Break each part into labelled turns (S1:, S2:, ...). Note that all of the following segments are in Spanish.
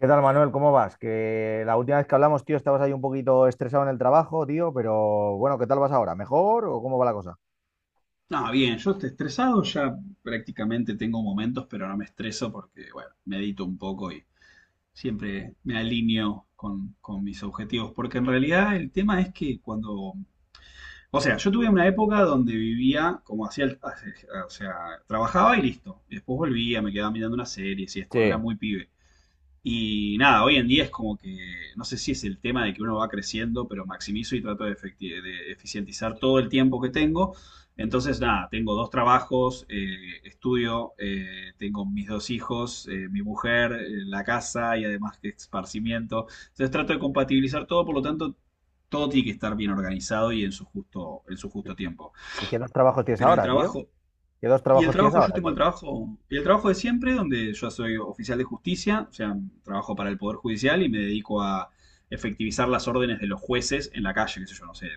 S1: ¿Qué tal, Manuel? ¿Cómo vas? Que la última vez que hablamos, tío, estabas ahí un poquito estresado en el trabajo, tío, pero bueno, ¿qué tal vas ahora? ¿Mejor o cómo va la cosa?
S2: No, bien, yo estoy estresado, ya prácticamente tengo momentos, pero no me estreso porque, bueno, medito un poco y siempre me alineo con mis objetivos. Porque en realidad el tema es que cuando, o sea, yo tuve una época donde vivía como hacía, o sea, trabajaba y listo. Y después volvía, me quedaba mirando una serie y esto, cuando era
S1: Sí.
S2: muy pibe. Y nada, hoy en día es como que, no sé si es el tema de que uno va creciendo, pero maximizo y trato de, de eficientizar todo el tiempo que tengo. Entonces, nada, tengo dos trabajos, estudio, tengo mis dos hijos, mi mujer, la casa y además que esparcimiento. Entonces trato de compatibilizar todo, por lo tanto, todo tiene que estar bien organizado y en su justo tiempo.
S1: ¿Y qué dos trabajos tienes
S2: Pero el
S1: ahora, tío?
S2: trabajo
S1: ¿Qué dos
S2: y el
S1: trabajos tienes
S2: trabajo, yo
S1: ahora,
S2: tengo
S1: tío? O
S2: el trabajo de siempre, donde yo soy oficial de justicia, o sea, trabajo para el Poder Judicial y me dedico a efectivizar las órdenes de los jueces en la calle, qué sé yo, no sé,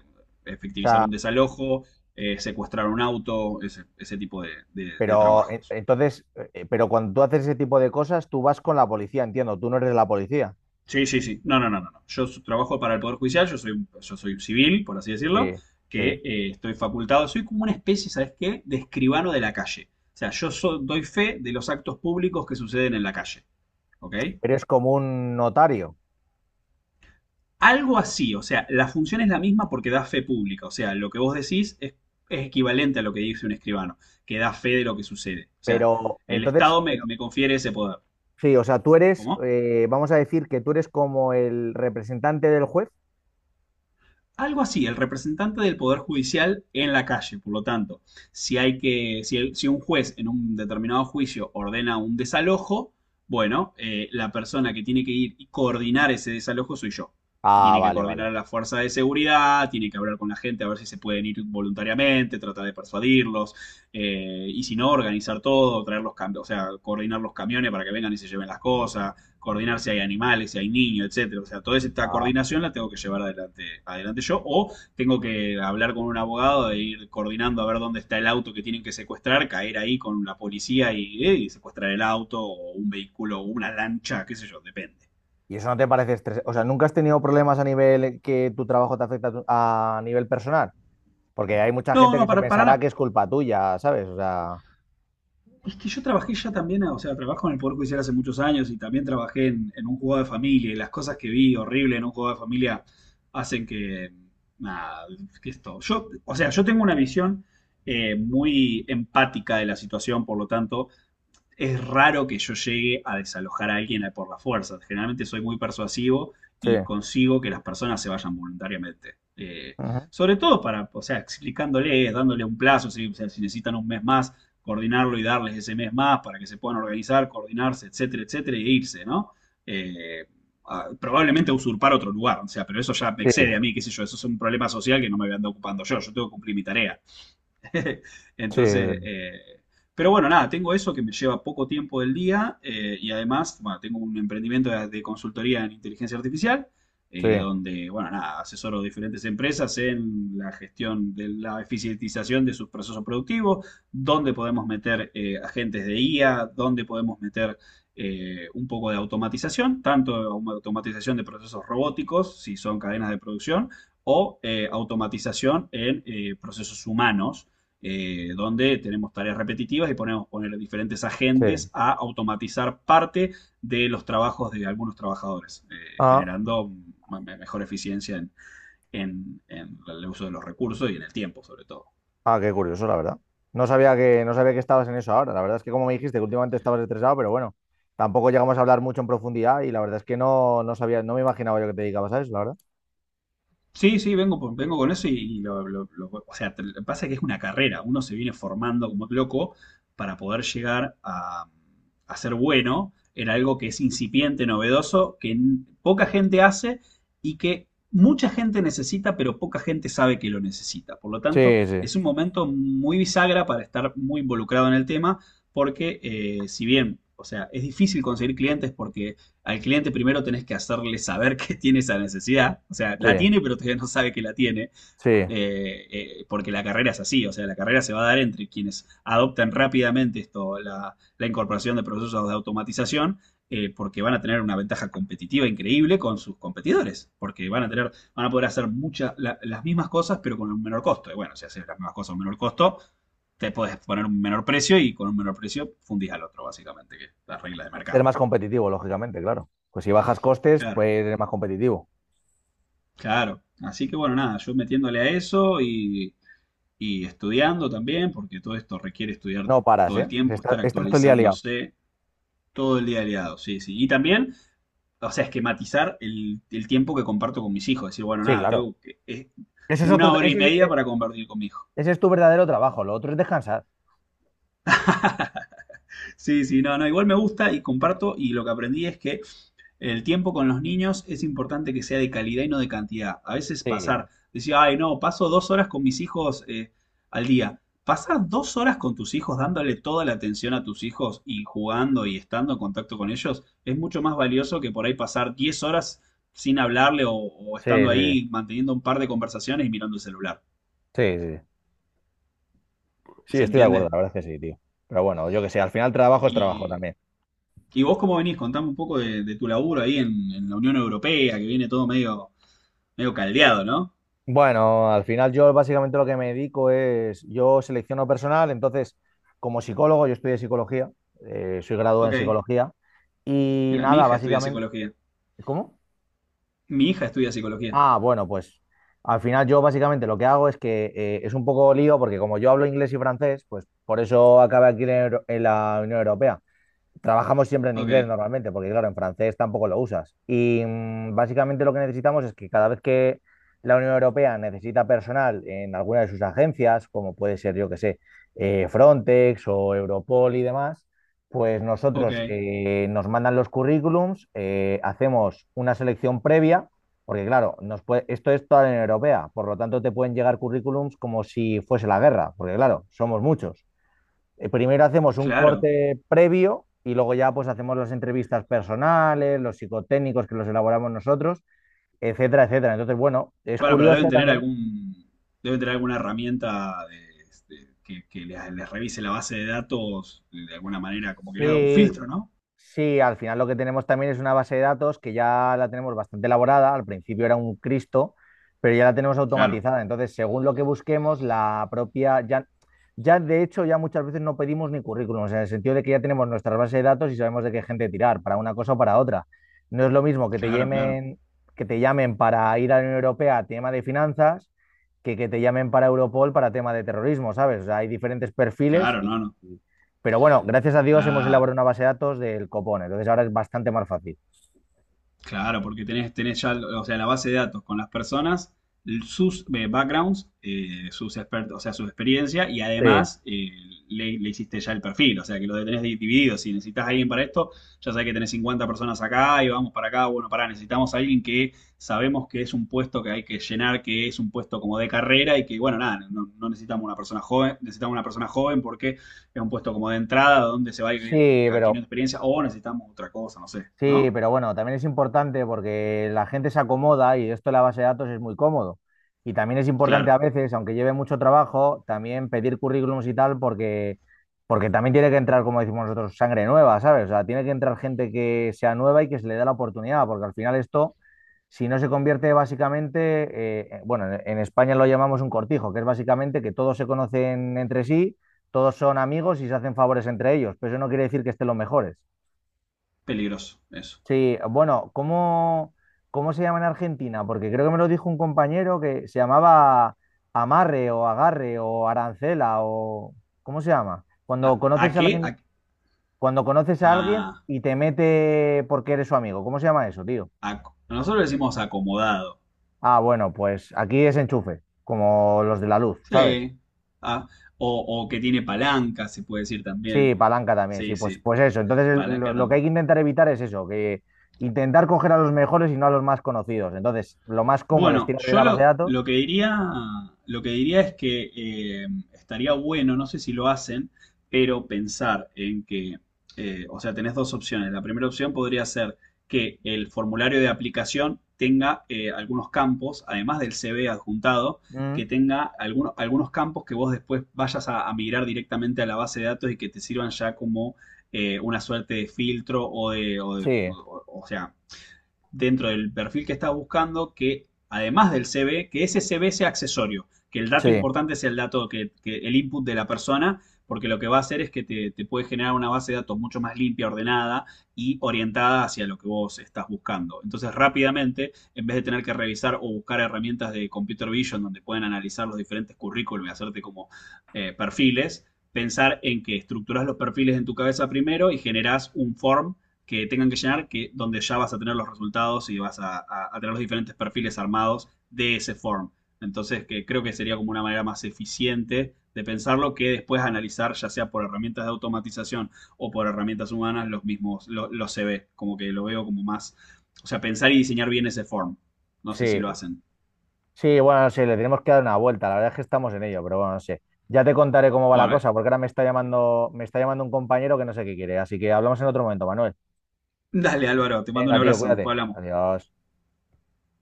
S2: efectivizar
S1: sea,
S2: un desalojo, secuestrar un auto, ese tipo de, de
S1: pero
S2: trabajos.
S1: entonces, pero cuando tú haces ese tipo de cosas, tú vas con la policía, entiendo, tú no eres la policía,
S2: Sí, sí, sí. No, no, no, no, no. Trabajo para el Poder Judicial, yo soy, yo soy un civil, por así decirlo,
S1: sí,
S2: que
S1: sí.
S2: estoy facultado, soy como una especie, ¿sabes qué?, de escribano de la calle. O sea, doy fe de los actos públicos que suceden en la calle, ¿ok?
S1: Eres como un notario,
S2: Algo así, o sea, la función es la misma porque da fe pública, o sea, lo que vos decís es equivalente a lo que dice un escribano, que da fe de lo que sucede. O sea,
S1: pero
S2: el
S1: entonces,
S2: Estado me,
S1: pero
S2: me confiere ese poder.
S1: sí, o sea, tú eres,
S2: ¿Cómo?
S1: vamos a decir que tú eres como el representante del juez.
S2: Algo así, el representante del Poder Judicial en la calle. Por lo tanto, si, hay que, si, si un juez en un determinado juicio ordena un desalojo, bueno, la persona que tiene que ir y coordinar ese desalojo soy yo. Que
S1: Ah,
S2: tiene que
S1: vale,
S2: coordinar a
S1: vale.
S2: la fuerza de seguridad, tiene que hablar con la gente a ver si se pueden ir voluntariamente, tratar de persuadirlos, y si no, organizar todo, traer los camiones, o sea, coordinar los camiones para que vengan y se lleven las cosas, coordinar si hay animales, si hay niños, etcétera. O sea, toda esta coordinación la tengo que llevar adelante yo, o tengo que hablar con un abogado e ir coordinando a ver dónde está el auto que tienen que secuestrar, caer ahí con la policía y secuestrar el auto, o un vehículo, o una lancha, qué sé yo, depende.
S1: ¿Y eso no te parece estresante? O sea, ¿nunca has tenido problemas a nivel que tu trabajo te afecta a, a nivel personal? Porque hay mucha
S2: No,
S1: gente
S2: no,
S1: que se
S2: para,
S1: pensará
S2: para.
S1: que es culpa tuya, ¿sabes? O sea,
S2: Es que yo trabajé ya también, o sea, trabajo en el Poder Judicial hace muchos años y también trabajé en un juego de familia y las cosas que vi horrible en un juego de familia hacen que, nada, que esto. Yo, o sea, yo tengo una visión muy empática de la situación, por lo tanto, es raro que yo llegue a desalojar a alguien por la fuerza. Generalmente soy muy persuasivo
S1: sí.
S2: y consigo que las personas se vayan voluntariamente.
S1: Ujú.
S2: Sobre todo para, o sea, explicándoles, dándole un plazo, si, o sea, si necesitan un mes más, coordinarlo y darles ese mes más para que se puedan organizar, coordinarse, etcétera, etcétera, e irse, ¿no? Eh, probablemente usurpar otro lugar, o sea, pero eso ya me
S1: Sí,
S2: excede a mí, qué sé yo, eso es un problema social que no me voy a andar ocupando yo, yo tengo que cumplir mi tarea.
S1: sí,
S2: Entonces, pero bueno, nada, tengo eso que me lleva poco tiempo del día, y además, bueno, tengo un emprendimiento de consultoría en inteligencia artificial,
S1: sí,
S2: donde, bueno, nada, asesoro diferentes empresas en la gestión de la eficientización de sus procesos productivos, dónde podemos meter agentes de IA, dónde podemos meter un poco de automatización, tanto automatización de procesos robóticos, si son cadenas de producción, o automatización en procesos humanos, donde tenemos tareas repetitivas y podemos poner diferentes agentes
S1: sí.
S2: a automatizar parte de los trabajos de algunos trabajadores,
S1: Ah,
S2: generando mejor eficiencia en, en el uso de los recursos y en el tiempo, sobre todo.
S1: ah, qué curioso, la verdad. No sabía que, no sabía que estabas en eso ahora. La verdad es que como me dijiste que últimamente estabas estresado, pero bueno, tampoco llegamos a hablar mucho en profundidad y la verdad es que no, no sabía, no me imaginaba yo que te dedicabas a eso, la verdad.
S2: Sí, sí, vengo, vengo con eso y, o sea, lo que pasa es que es una carrera, uno se viene formando como loco para poder llegar a ser bueno en algo que es incipiente, novedoso, que poca gente hace y que mucha gente necesita, pero poca gente sabe que lo necesita. Por lo
S1: Sí,
S2: tanto,
S1: sí,
S2: es un momento muy bisagra para estar muy involucrado en el tema, porque si bien, o sea, es difícil conseguir clientes porque al cliente primero tenés que hacerle saber que tiene esa necesidad. O sea, la
S1: sí,
S2: tiene, pero todavía no sabe que la tiene.
S1: sí.
S2: Porque la carrera es así. O sea, la carrera se va a dar entre quienes adoptan rápidamente esto, la incorporación de procesos de automatización. Porque van a tener una ventaja competitiva increíble con sus competidores. Porque van a tener, van a poder hacer muchas, las mismas cosas, pero con un menor costo. Y bueno, si haces las mismas cosas a un menor costo, te puedes poner un menor precio y con un menor precio fundís al otro, básicamente, que es la regla de
S1: Ser
S2: mercado.
S1: más competitivo, lógicamente, claro. Pues si bajas costes,
S2: Claro.
S1: pues eres más competitivo.
S2: Claro, así que bueno, nada, yo metiéndole a eso y estudiando también, porque todo esto requiere estudiar
S1: No paras,
S2: todo el
S1: ¿eh?
S2: tiempo,
S1: Estás,
S2: estar
S1: estás todo el día liado.
S2: actualizándose todo el día aliado, sí, sí. Y también, o sea, esquematizar el tiempo que comparto con mis hijos, decir, bueno,
S1: Sí,
S2: nada,
S1: claro.
S2: es
S1: Ese es
S2: una
S1: otro,
S2: hora y media para compartir con mi hijo.
S1: ese es tu verdadero trabajo, lo otro es descansar.
S2: Sí, sí, no, no, igual me gusta y comparto y lo que aprendí es que el tiempo con los niños es importante que sea de calidad y no de cantidad. A veces
S1: Sí,
S2: pasar, decir, ay, no, paso dos horas con mis hijos, al día. Pasar dos horas con tus hijos dándole toda la atención a tus hijos y jugando y estando en contacto con ellos es mucho más valioso que por ahí pasar 10 horas sin hablarle o
S1: sí,
S2: estando
S1: sí,
S2: ahí manteniendo un par de conversaciones y mirando el celular.
S1: sí, sí, sí. Sí,
S2: ¿Se
S1: estoy de acuerdo,
S2: entiende?
S1: la verdad es que sí, tío. Pero bueno, yo qué sé, al final trabajo es trabajo
S2: Y,
S1: también.
S2: y vos cómo venís, contame un poco de tu laburo ahí en la Unión Europea, que viene todo medio, medio caldeado, ¿no?
S1: Bueno, al final yo básicamente lo que me dedico es, yo selecciono personal, entonces como psicólogo, yo estudié psicología, soy graduado en
S2: Ok.
S1: psicología y
S2: Mira, mi
S1: nada,
S2: hija estudia
S1: básicamente,
S2: psicología.
S1: ¿cómo?
S2: Mi hija estudia psicología.
S1: Ah, bueno, pues al final yo básicamente lo que hago es que es un poco lío porque como yo hablo inglés y francés, pues por eso acabé aquí en, en la Unión Europea. Trabajamos siempre en inglés
S2: Ok,
S1: normalmente, porque claro, en francés tampoco lo usas. Y básicamente lo que necesitamos es que cada vez que la Unión Europea necesita personal en alguna de sus agencias, como puede ser, yo que sé, Frontex o Europol y demás, pues
S2: ok,
S1: nosotros nos mandan los currículums, hacemos una selección previa, porque claro, esto es toda la Unión Europea, por lo tanto te pueden llegar currículums como si fuese la guerra, porque claro, somos muchos. Eh, primero hacemos un
S2: claro.
S1: corte previo y luego ya pues hacemos las entrevistas personales, los psicotécnicos que los elaboramos nosotros, etcétera, etcétera. Entonces, bueno, es
S2: Bueno, pero
S1: curioso
S2: deben tener
S1: también.
S2: algún, deben tener alguna herramienta de, que les revise la base de datos de alguna manera, como que le haga un
S1: Sí.
S2: filtro, ¿no?
S1: Sí, al final lo que tenemos también es una base de datos que ya la tenemos bastante elaborada. Al principio era un Cristo, pero ya la tenemos
S2: Claro,
S1: automatizada. Entonces, según lo que busquemos, la propia, ya, ya de hecho, ya muchas veces no pedimos ni currículums, en el sentido de que ya tenemos nuestras bases de datos y sabemos de qué gente tirar, para una cosa o para otra. No es lo mismo
S2: claro, claro,
S1: que te llamen para ir a la Unión Europea a tema de finanzas que te llamen para Europol para tema de terrorismo, ¿sabes? O sea, hay diferentes perfiles
S2: claro, no,
S1: y
S2: no,
S1: pero bueno, gracias a Dios hemos
S2: claro.
S1: elaborado una base de datos del copón, entonces ahora es bastante más fácil.
S2: Claro, porque tenés, tenés ya, o sea, la base de datos con las personas, sus backgrounds, sus expertos, o sea, su experiencia, y
S1: Sí.
S2: además le hiciste ya el perfil, o sea, que lo tenés dividido. Si necesitas a alguien para esto, ya sabés que tenés 50 personas acá y vamos para acá, bueno, pará, necesitamos a alguien que sabemos que es un puesto que hay que llenar, que es un puesto como de carrera y que, bueno, nada, no necesitamos una persona joven, necesitamos una persona joven porque es un puesto como de entrada donde se va a ir
S1: Sí, pero
S2: adquiriendo experiencia o necesitamos otra cosa, no sé,
S1: sí,
S2: ¿no?
S1: pero bueno, también es importante porque la gente se acomoda y esto de la base de datos es muy cómodo. Y también es importante
S2: Claro.
S1: a veces, aunque lleve mucho trabajo, también pedir currículums y tal porque, porque también tiene que entrar, como decimos nosotros, sangre nueva, ¿sabes? O sea, tiene que entrar gente que sea nueva y que se le dé la oportunidad, porque al final esto, si no se convierte básicamente, bueno, en España lo llamamos un cortijo, que es básicamente que todos se conocen entre sí, todos son amigos y se hacen favores entre ellos, pero eso no quiere decir que estén los mejores.
S2: Peligroso, eso.
S1: Sí, bueno, ¿cómo, cómo se llama en Argentina? Porque creo que me lo dijo un compañero que se llamaba amarre o agarre o arancela o ¿cómo se llama? Cuando
S2: A
S1: conoces a
S2: qué?
S1: alguien, cuando conoces a alguien
S2: A-
S1: y te mete porque eres su amigo, ¿cómo se llama eso, tío?
S2: a- nosotros le decimos acomodado.
S1: Ah, bueno, pues aquí es enchufe, como los de la luz, ¿sabes?
S2: Sí. Ah, o que tiene palanca, se puede decir también.
S1: Sí, palanca también,
S2: Sí,
S1: sí, pues,
S2: sí.
S1: pues eso. Entonces
S2: Palanca
S1: lo que hay
S2: también.
S1: que intentar evitar es eso, que intentar coger a los mejores y no a los más conocidos. Entonces, lo más cómodo es
S2: Bueno,
S1: tirar de la base de datos.
S2: lo que diría es que eh, estaría bueno, no sé si lo hacen, pero pensar en que, o sea, tenés dos opciones. La primera opción podría ser que el formulario de aplicación tenga algunos campos, además del CV adjuntado, que tenga algunos campos que vos después vayas a migrar directamente a la base de datos y que te sirvan ya como una suerte de filtro o de,
S1: Sí,
S2: o sea, dentro del perfil que estás buscando que, además del CV, que ese CV sea accesorio, que el dato
S1: sí,
S2: importante sea el dato, que el input de la persona, porque lo que va a hacer es que puede generar una base de datos mucho más limpia, ordenada y orientada hacia lo que vos estás buscando. Entonces, rápidamente, en vez de tener que revisar o buscar herramientas de computer vision donde pueden analizar los diferentes currículum y hacerte como perfiles, pensar en que estructuras los perfiles en tu cabeza primero y generás un form que tengan que llenar, que, donde ya vas a tener los resultados y vas a, a tener los diferentes perfiles armados de ese form. Entonces, que creo que sería como una manera más eficiente de pensarlo que después analizar, ya sea por herramientas de automatización o por herramientas humanas, los mismos, los CV, como que lo veo como más, o sea, pensar y diseñar bien ese form. No sé si
S1: sí.
S2: lo hacen.
S1: Sí, bueno, sí, le tenemos que dar una vuelta. La verdad es que estamos en ello, pero bueno, no sé. Ya te contaré cómo va la
S2: Bueno,
S1: cosa, porque ahora me está llamando un compañero que no sé qué quiere. Así que hablamos en otro momento, Manuel.
S2: dale Álvaro, te mando un
S1: Venga, tío,
S2: abrazo,
S1: cuídate.
S2: después hablamos.
S1: Adiós.